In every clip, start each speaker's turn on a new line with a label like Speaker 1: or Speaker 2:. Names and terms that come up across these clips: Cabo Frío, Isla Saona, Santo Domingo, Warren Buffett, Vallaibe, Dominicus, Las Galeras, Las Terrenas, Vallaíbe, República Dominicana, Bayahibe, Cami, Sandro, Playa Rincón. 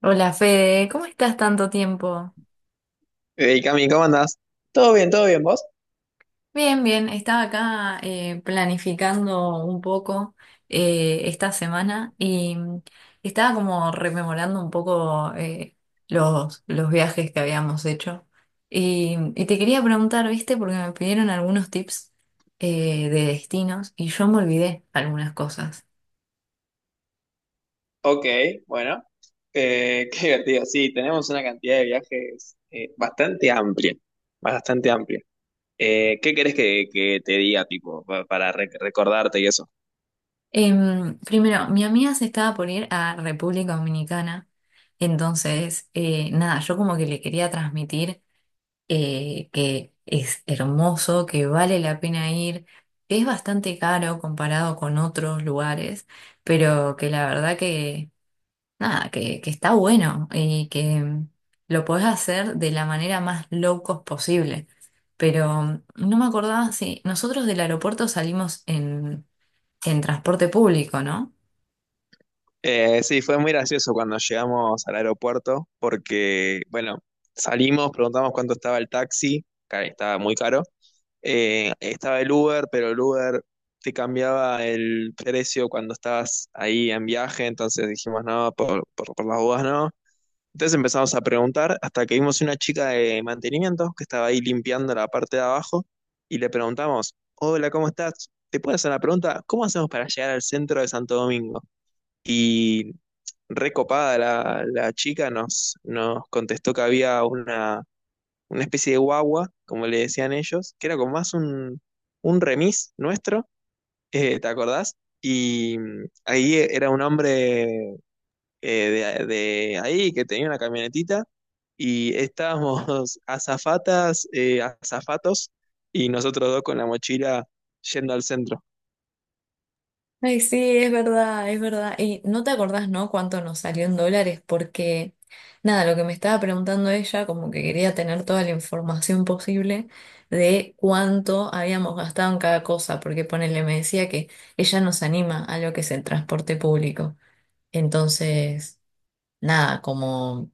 Speaker 1: Hola Fede, ¿cómo estás tanto tiempo?
Speaker 2: Hey Cami, ¿cómo andás? Todo bien, ¿vos?
Speaker 1: Bien, bien, estaba acá planificando un poco esta semana y estaba como rememorando un poco los viajes que habíamos hecho. Y te quería preguntar, ¿viste? Porque me pidieron algunos tips de destinos y yo me olvidé algunas cosas.
Speaker 2: Ok, bueno, qué divertido. Sí, tenemos una cantidad de viajes bastante amplia, bastante amplia. ¿Qué querés que te diga, tipo, para recordarte y eso?
Speaker 1: Primero, mi amiga se estaba por ir a República Dominicana. Entonces, nada, yo como que le quería transmitir que es hermoso, que vale la pena ir, que es bastante caro comparado con otros lugares, pero que la verdad que, nada, que está bueno y que lo podés hacer de la manera más low cost posible. Pero no me acordaba si nosotros del aeropuerto salimos en transporte público, ¿no?
Speaker 2: Sí, fue muy gracioso cuando llegamos al aeropuerto porque, bueno, salimos, preguntamos cuánto estaba el taxi, que estaba muy caro. Estaba el Uber, pero el Uber te cambiaba el precio cuando estabas ahí en viaje, entonces dijimos no, por las dudas no. Entonces empezamos a preguntar hasta que vimos una chica de mantenimiento que estaba ahí limpiando la parte de abajo y le preguntamos, hola, ¿cómo estás? ¿Te puedo hacer una pregunta? ¿Cómo hacemos para llegar al centro de Santo Domingo? Y recopada la chica nos contestó que había una especie de guagua, como le decían ellos, que era como más un remis nuestro, ¿te acordás? Y ahí era un hombre de ahí que tenía una camionetita y estábamos azafatas, azafatos y nosotros dos con la mochila yendo al centro.
Speaker 1: Ay, sí, es verdad, es verdad. Y no te acordás, ¿no? Cuánto nos salió en dólares, porque nada, lo que me estaba preguntando ella, como que quería tener toda la información posible de cuánto habíamos gastado en cada cosa, porque ponele, me decía que ella nos anima a lo que es el transporte público. Entonces, nada, como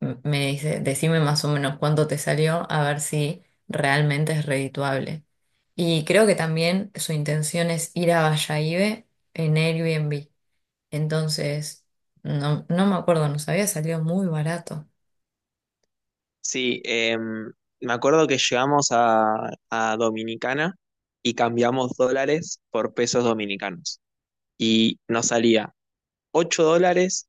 Speaker 1: me dice, decime más o menos cuánto te salió, a ver si realmente es redituable. Y creo que también su intención es ir a Bayahibe en Airbnb. Entonces, no, no me acuerdo, nos había salido muy barato.
Speaker 2: Sí, me acuerdo que llegamos a Dominicana y cambiamos dólares por pesos dominicanos. Y nos salía $8,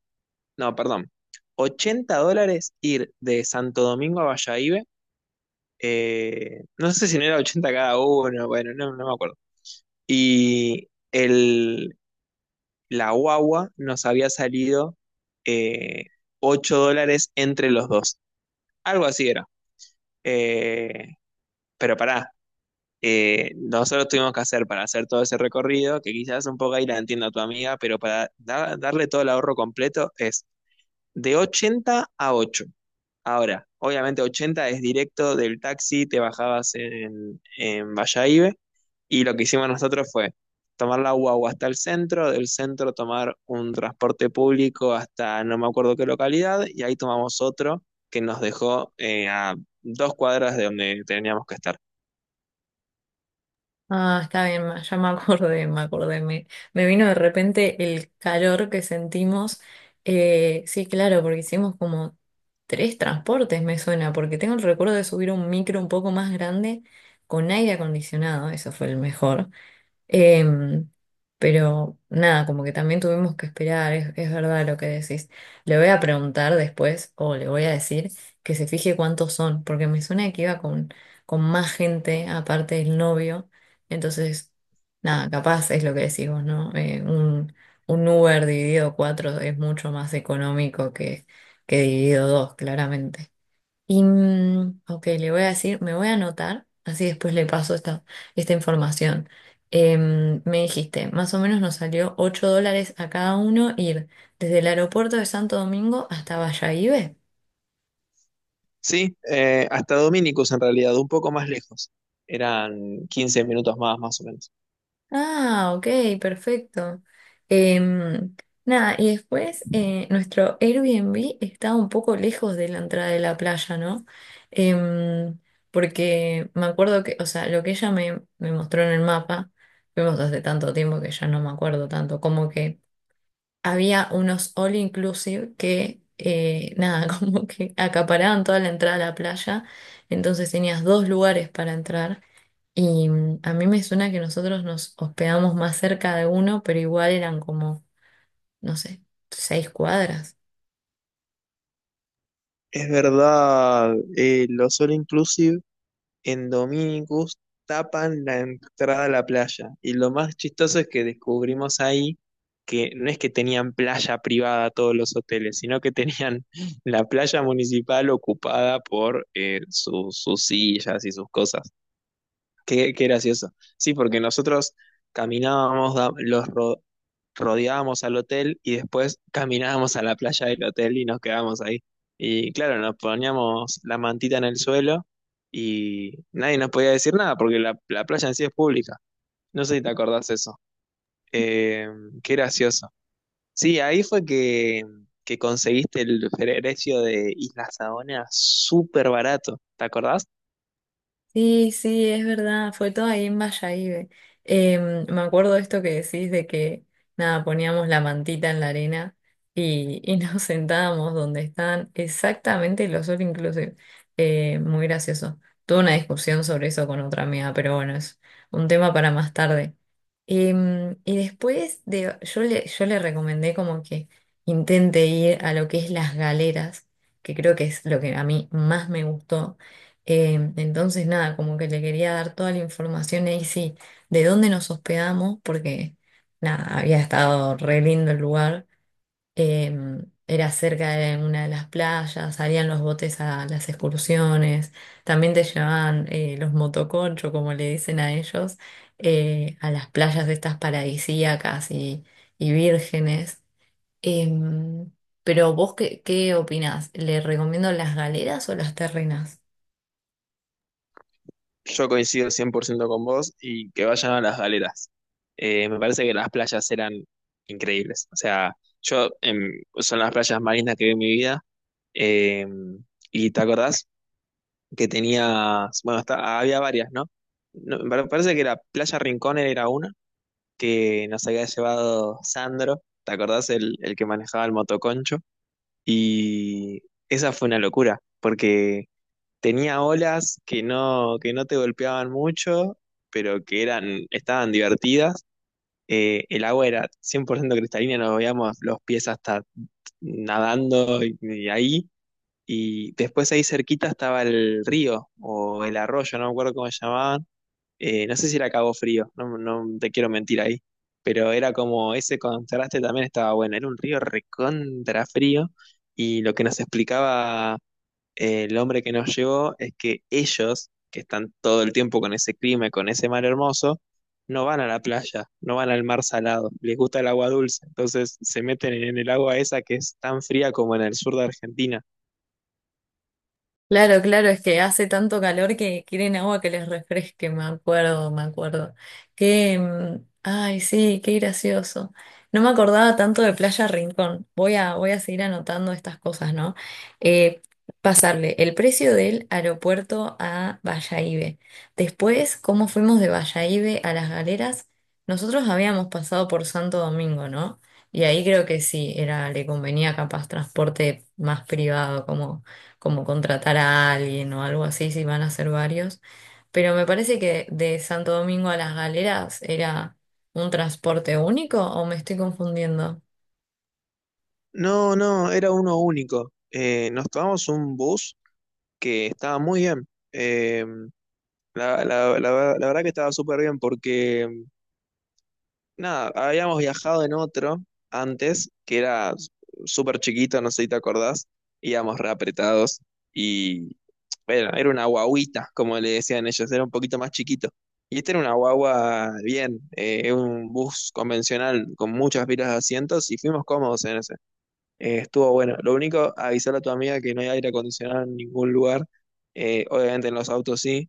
Speaker 2: no, perdón, $80 ir de Santo Domingo a Bayahibe. Eh, no sé si no era 80 cada uno, bueno, no, no me acuerdo. Y el, la guagua nos había salido eh, $8 entre los dos. Algo así era. Eh, pero pará. Nosotros tuvimos que hacer para hacer todo ese recorrido, que quizás un poco ahí la entiendo a tu amiga, pero para darle todo el ahorro completo es de 80 a 8. Ahora, obviamente 80 es directo del taxi, te bajabas en Vallaibe, y lo que hicimos nosotros fue tomar la guagua hasta el centro, del centro tomar un transporte público hasta no me acuerdo qué localidad, y ahí tomamos otro que nos dejó a 2 cuadras de donde teníamos que estar.
Speaker 1: Ah, está bien, ya me acordé, me acordé. Me vino de repente el calor que sentimos. Sí, claro, porque hicimos como tres transportes, me suena, porque tengo el recuerdo de subir a un micro un poco más grande con aire acondicionado, eso fue el mejor. Em, pero nada, como que también tuvimos que esperar, es verdad lo que decís. Le voy a preguntar después, o le voy a decir, que se fije cuántos son, porque me suena que iba con más gente, aparte del novio. Entonces, nada, capaz es lo que decís vos, ¿no? Un Uber dividido cuatro es mucho más económico que dividido dos, claramente. Y, ok, le voy a decir, me voy a anotar, así después le paso esta información. Me dijiste, más o menos nos salió $8 a cada uno ir desde el aeropuerto de Santo Domingo hasta Bayahibe.
Speaker 2: Sí, hasta Dominicus en realidad, un poco más lejos. Eran 15 minutos más, más o menos.
Speaker 1: Ah, ok, perfecto. Em, Nada, y después nuestro Airbnb está un poco lejos de la entrada de la playa, ¿no? Em, Porque me acuerdo que, o sea, lo que ella me mostró en el mapa, fuimos hace tanto tiempo que ya no me acuerdo tanto, como que había unos all inclusive que, nada, como que acaparaban toda la entrada a la playa, entonces tenías dos lugares para entrar. Y a mí me suena que nosotros nos hospedamos más cerca de uno, pero igual eran como, no sé, 6 cuadras.
Speaker 2: Es verdad, los All Inclusive en Dominicus tapan la entrada a la playa. Y lo más chistoso es que descubrimos ahí que no es que tenían playa privada todos los hoteles, sino que tenían la playa municipal ocupada por sus sillas y sus cosas. Qué, qué gracioso. Sí, porque nosotros caminábamos, rodeábamos al hotel y después caminábamos a la playa del hotel y nos quedábamos ahí. Y claro, nos poníamos la mantita en el suelo y nadie nos podía decir nada porque la playa en sí es pública. No sé si te acordás eso. Eh, Qué gracioso. Sí, ahí fue que conseguiste el precio de Isla Saona súper barato. ¿Te acordás?
Speaker 1: Sí, sí, es verdad, fue todo ahí en Vallaíbe. Me acuerdo esto que decís de que, nada, poníamos la mantita en la arena y nos sentábamos donde están exactamente los all inclusive. Muy gracioso. Tuve una discusión sobre eso con otra amiga, pero bueno, es un tema para más tarde. Y después yo le recomendé como que intente ir a lo que es las galeras, que creo que es lo que a mí más me gustó. Entonces, nada, como que le quería dar toda la información ahí, sí, de dónde nos hospedamos, porque nada, había estado re lindo el lugar. Eh, Era cerca de una de las playas, salían los botes a las excursiones, también te llevaban los motoconchos, como le dicen a ellos, a las playas de estas paradisíacas y vírgenes. Em, pero vos, ¿qué opinás? ¿Le recomiendo las galeras o las terrenas?
Speaker 2: Yo coincido 100% con vos y que vayan a las galeras. Me parece que las playas eran increíbles. O sea, yo son las playas marinas que vi en mi vida. Eh, y te acordás que tenías, bueno, había varias, ¿no? No, me parece que la Playa Rincón era una que nos había llevado Sandro. ¿Te acordás el que manejaba el motoconcho? Y esa fue una locura, porque tenía olas que no te golpeaban mucho, pero que eran, estaban divertidas. El agua era 100% cristalina, nos veíamos los pies hasta nadando y ahí. Y después ahí cerquita estaba el río o el arroyo, no me acuerdo cómo se llamaban. No sé si era Cabo Frío, no te quiero mentir ahí. Pero era como ese contraste también estaba bueno. Era un río recontra frío y lo que nos explicaba el hombre que nos llevó es que ellos, que están todo el tiempo con ese clima y con ese mar hermoso, no van a la playa, no van al mar salado, les gusta el agua dulce, entonces se meten en el agua esa que es tan fría como en el sur de Argentina.
Speaker 1: Claro, claro, es que hace tanto calor que quieren agua que les refresque, me acuerdo, me acuerdo. Que, ay, sí, qué gracioso. No me acordaba tanto de Playa Rincón. Voy a seguir anotando estas cosas, ¿no? Eh, Pasarle el precio del aeropuerto a Bayahibe. Después, cómo fuimos de Bayahibe a Las Galeras. Nosotros habíamos pasado por Santo Domingo, ¿no? Y ahí creo que sí, era, le convenía capaz transporte más privado, como contratar a alguien o algo así, si van a ser varios. Pero me parece que de Santo Domingo a Las Galeras era un transporte único o me estoy confundiendo.
Speaker 2: No, no, era uno único. Nos tomamos un bus que estaba muy bien. Eh, la verdad que estaba súper bien porque nada, habíamos viajado en otro antes, que era súper chiquito, no sé si te acordás, íbamos reapretados y bueno, era una guaguita, como le decían ellos, era un poquito más chiquito. Y este era una guagua bien, es un bus convencional con muchas filas de asientos y fuimos cómodos en ese. Estuvo bueno. Lo único, avisarle a tu amiga que no hay aire acondicionado en ningún lugar. Obviamente en los autos sí,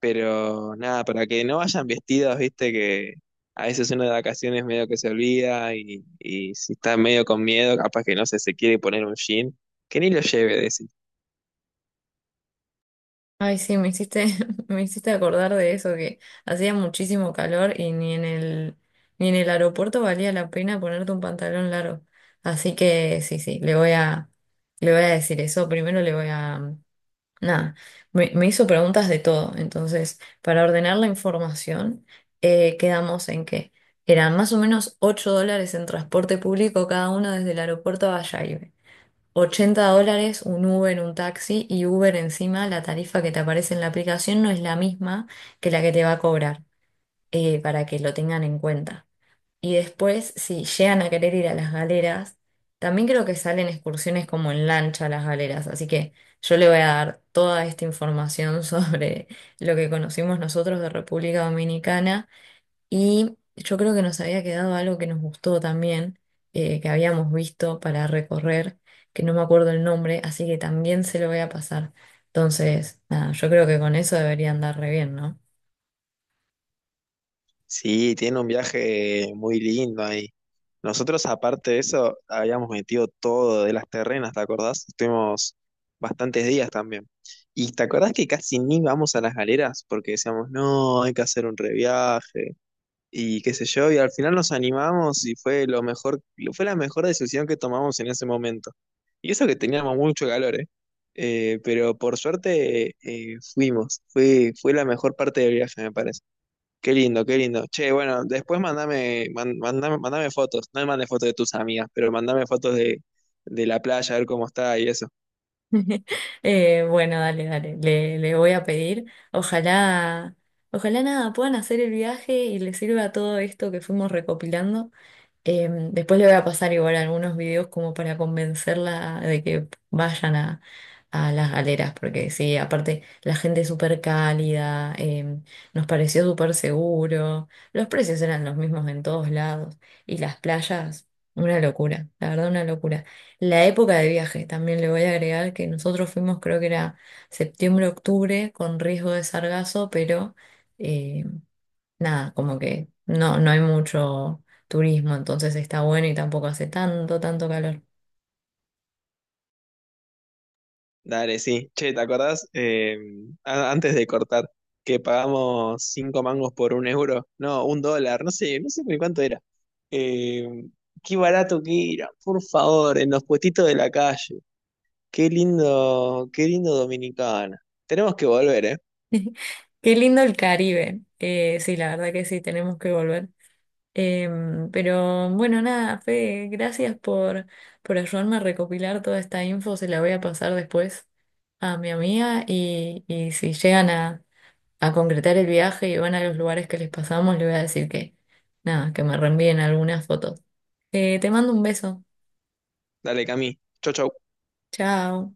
Speaker 2: pero nada, para que no vayan vestidos, viste que a veces uno de vacaciones medio que se olvida y si está medio con miedo, capaz que no sé, se quiere poner un jean, que ni lo lleve, decir. Sí,
Speaker 1: Ay, sí, me hiciste, me hiciste acordar de eso, que hacía muchísimo calor y ni en el aeropuerto valía la pena ponerte un pantalón largo. Así que sí, sí, le voy a decir eso. Primero nada, me hizo preguntas de todo. Entonces, para ordenar la información, quedamos en que eran más o menos $8 en transporte público cada uno desde el aeropuerto a Bayahibe. $80 un Uber, un taxi y Uber encima, la tarifa que te aparece en la aplicación no es la misma que la que te va a cobrar, para que lo tengan en cuenta. Y después, si llegan a querer ir a las galeras, también creo que salen excursiones como en lancha a las galeras. Así que yo le voy a dar toda esta información sobre lo que conocimos nosotros de República Dominicana. Y yo creo que nos había quedado algo que nos gustó también, que habíamos visto para recorrer, que no me acuerdo el nombre, así que también se lo voy a pasar. Entonces, nada, yo creo que con eso deberían andar re bien, ¿no?
Speaker 2: sí, tiene un viaje muy lindo ahí. Nosotros, aparte de eso, habíamos metido todo de las terrenas, ¿te acordás? Estuvimos bastantes días también. ¿Y te acordás que casi ni vamos a las galeras? Porque decíamos, no, hay que hacer un reviaje. Y qué sé yo, y al final nos animamos y fue lo mejor, fue la mejor decisión que tomamos en ese momento. Y eso que teníamos mucho calor, ¿eh? Pero por suerte fuimos, fue la mejor parte del viaje, me parece. Qué lindo, qué lindo. Che, bueno, después mandame, mandame, mandame fotos, no me mandes fotos de tus amigas, pero mandame fotos de la playa, a ver cómo está y eso.
Speaker 1: Bueno, dale, dale, le voy a pedir. Ojalá, ojalá nada, puedan hacer el viaje y les sirva todo esto que fuimos recopilando. Después le voy a pasar igual algunos videos como para convencerla de que vayan a las galeras, porque sí, aparte la gente es súper cálida, nos pareció súper seguro, los precios eran los mismos en todos lados y las playas, una locura, la verdad una locura. La época de viaje, también le voy a agregar que nosotros fuimos creo que era septiembre, octubre, con riesgo de sargazo, pero eh, nada, como que no, no hay mucho turismo, entonces está bueno y tampoco hace tanto, tanto calor.
Speaker 2: Dale, sí. Che, ¿te acordás? Antes de cortar, que pagamos cinco mangos por un euro. No, un dólar, no sé, no sé ni cuánto era. Eh, Qué barato que era, por favor, en los puestitos de la calle. Qué lindo Dominicana. Tenemos que volver, ¿eh?
Speaker 1: Qué lindo el Caribe. Sí, la verdad que sí, tenemos que volver. Pero bueno, nada, Fede, gracias por ayudarme a recopilar toda esta info. Se la voy a pasar después a mi amiga y si llegan a concretar el viaje y van a los lugares que les pasamos, le voy a decir que, nada, que me reenvíen algunas fotos. Te mando un beso.
Speaker 2: Dale, Cami. Chau, chau.
Speaker 1: Chao.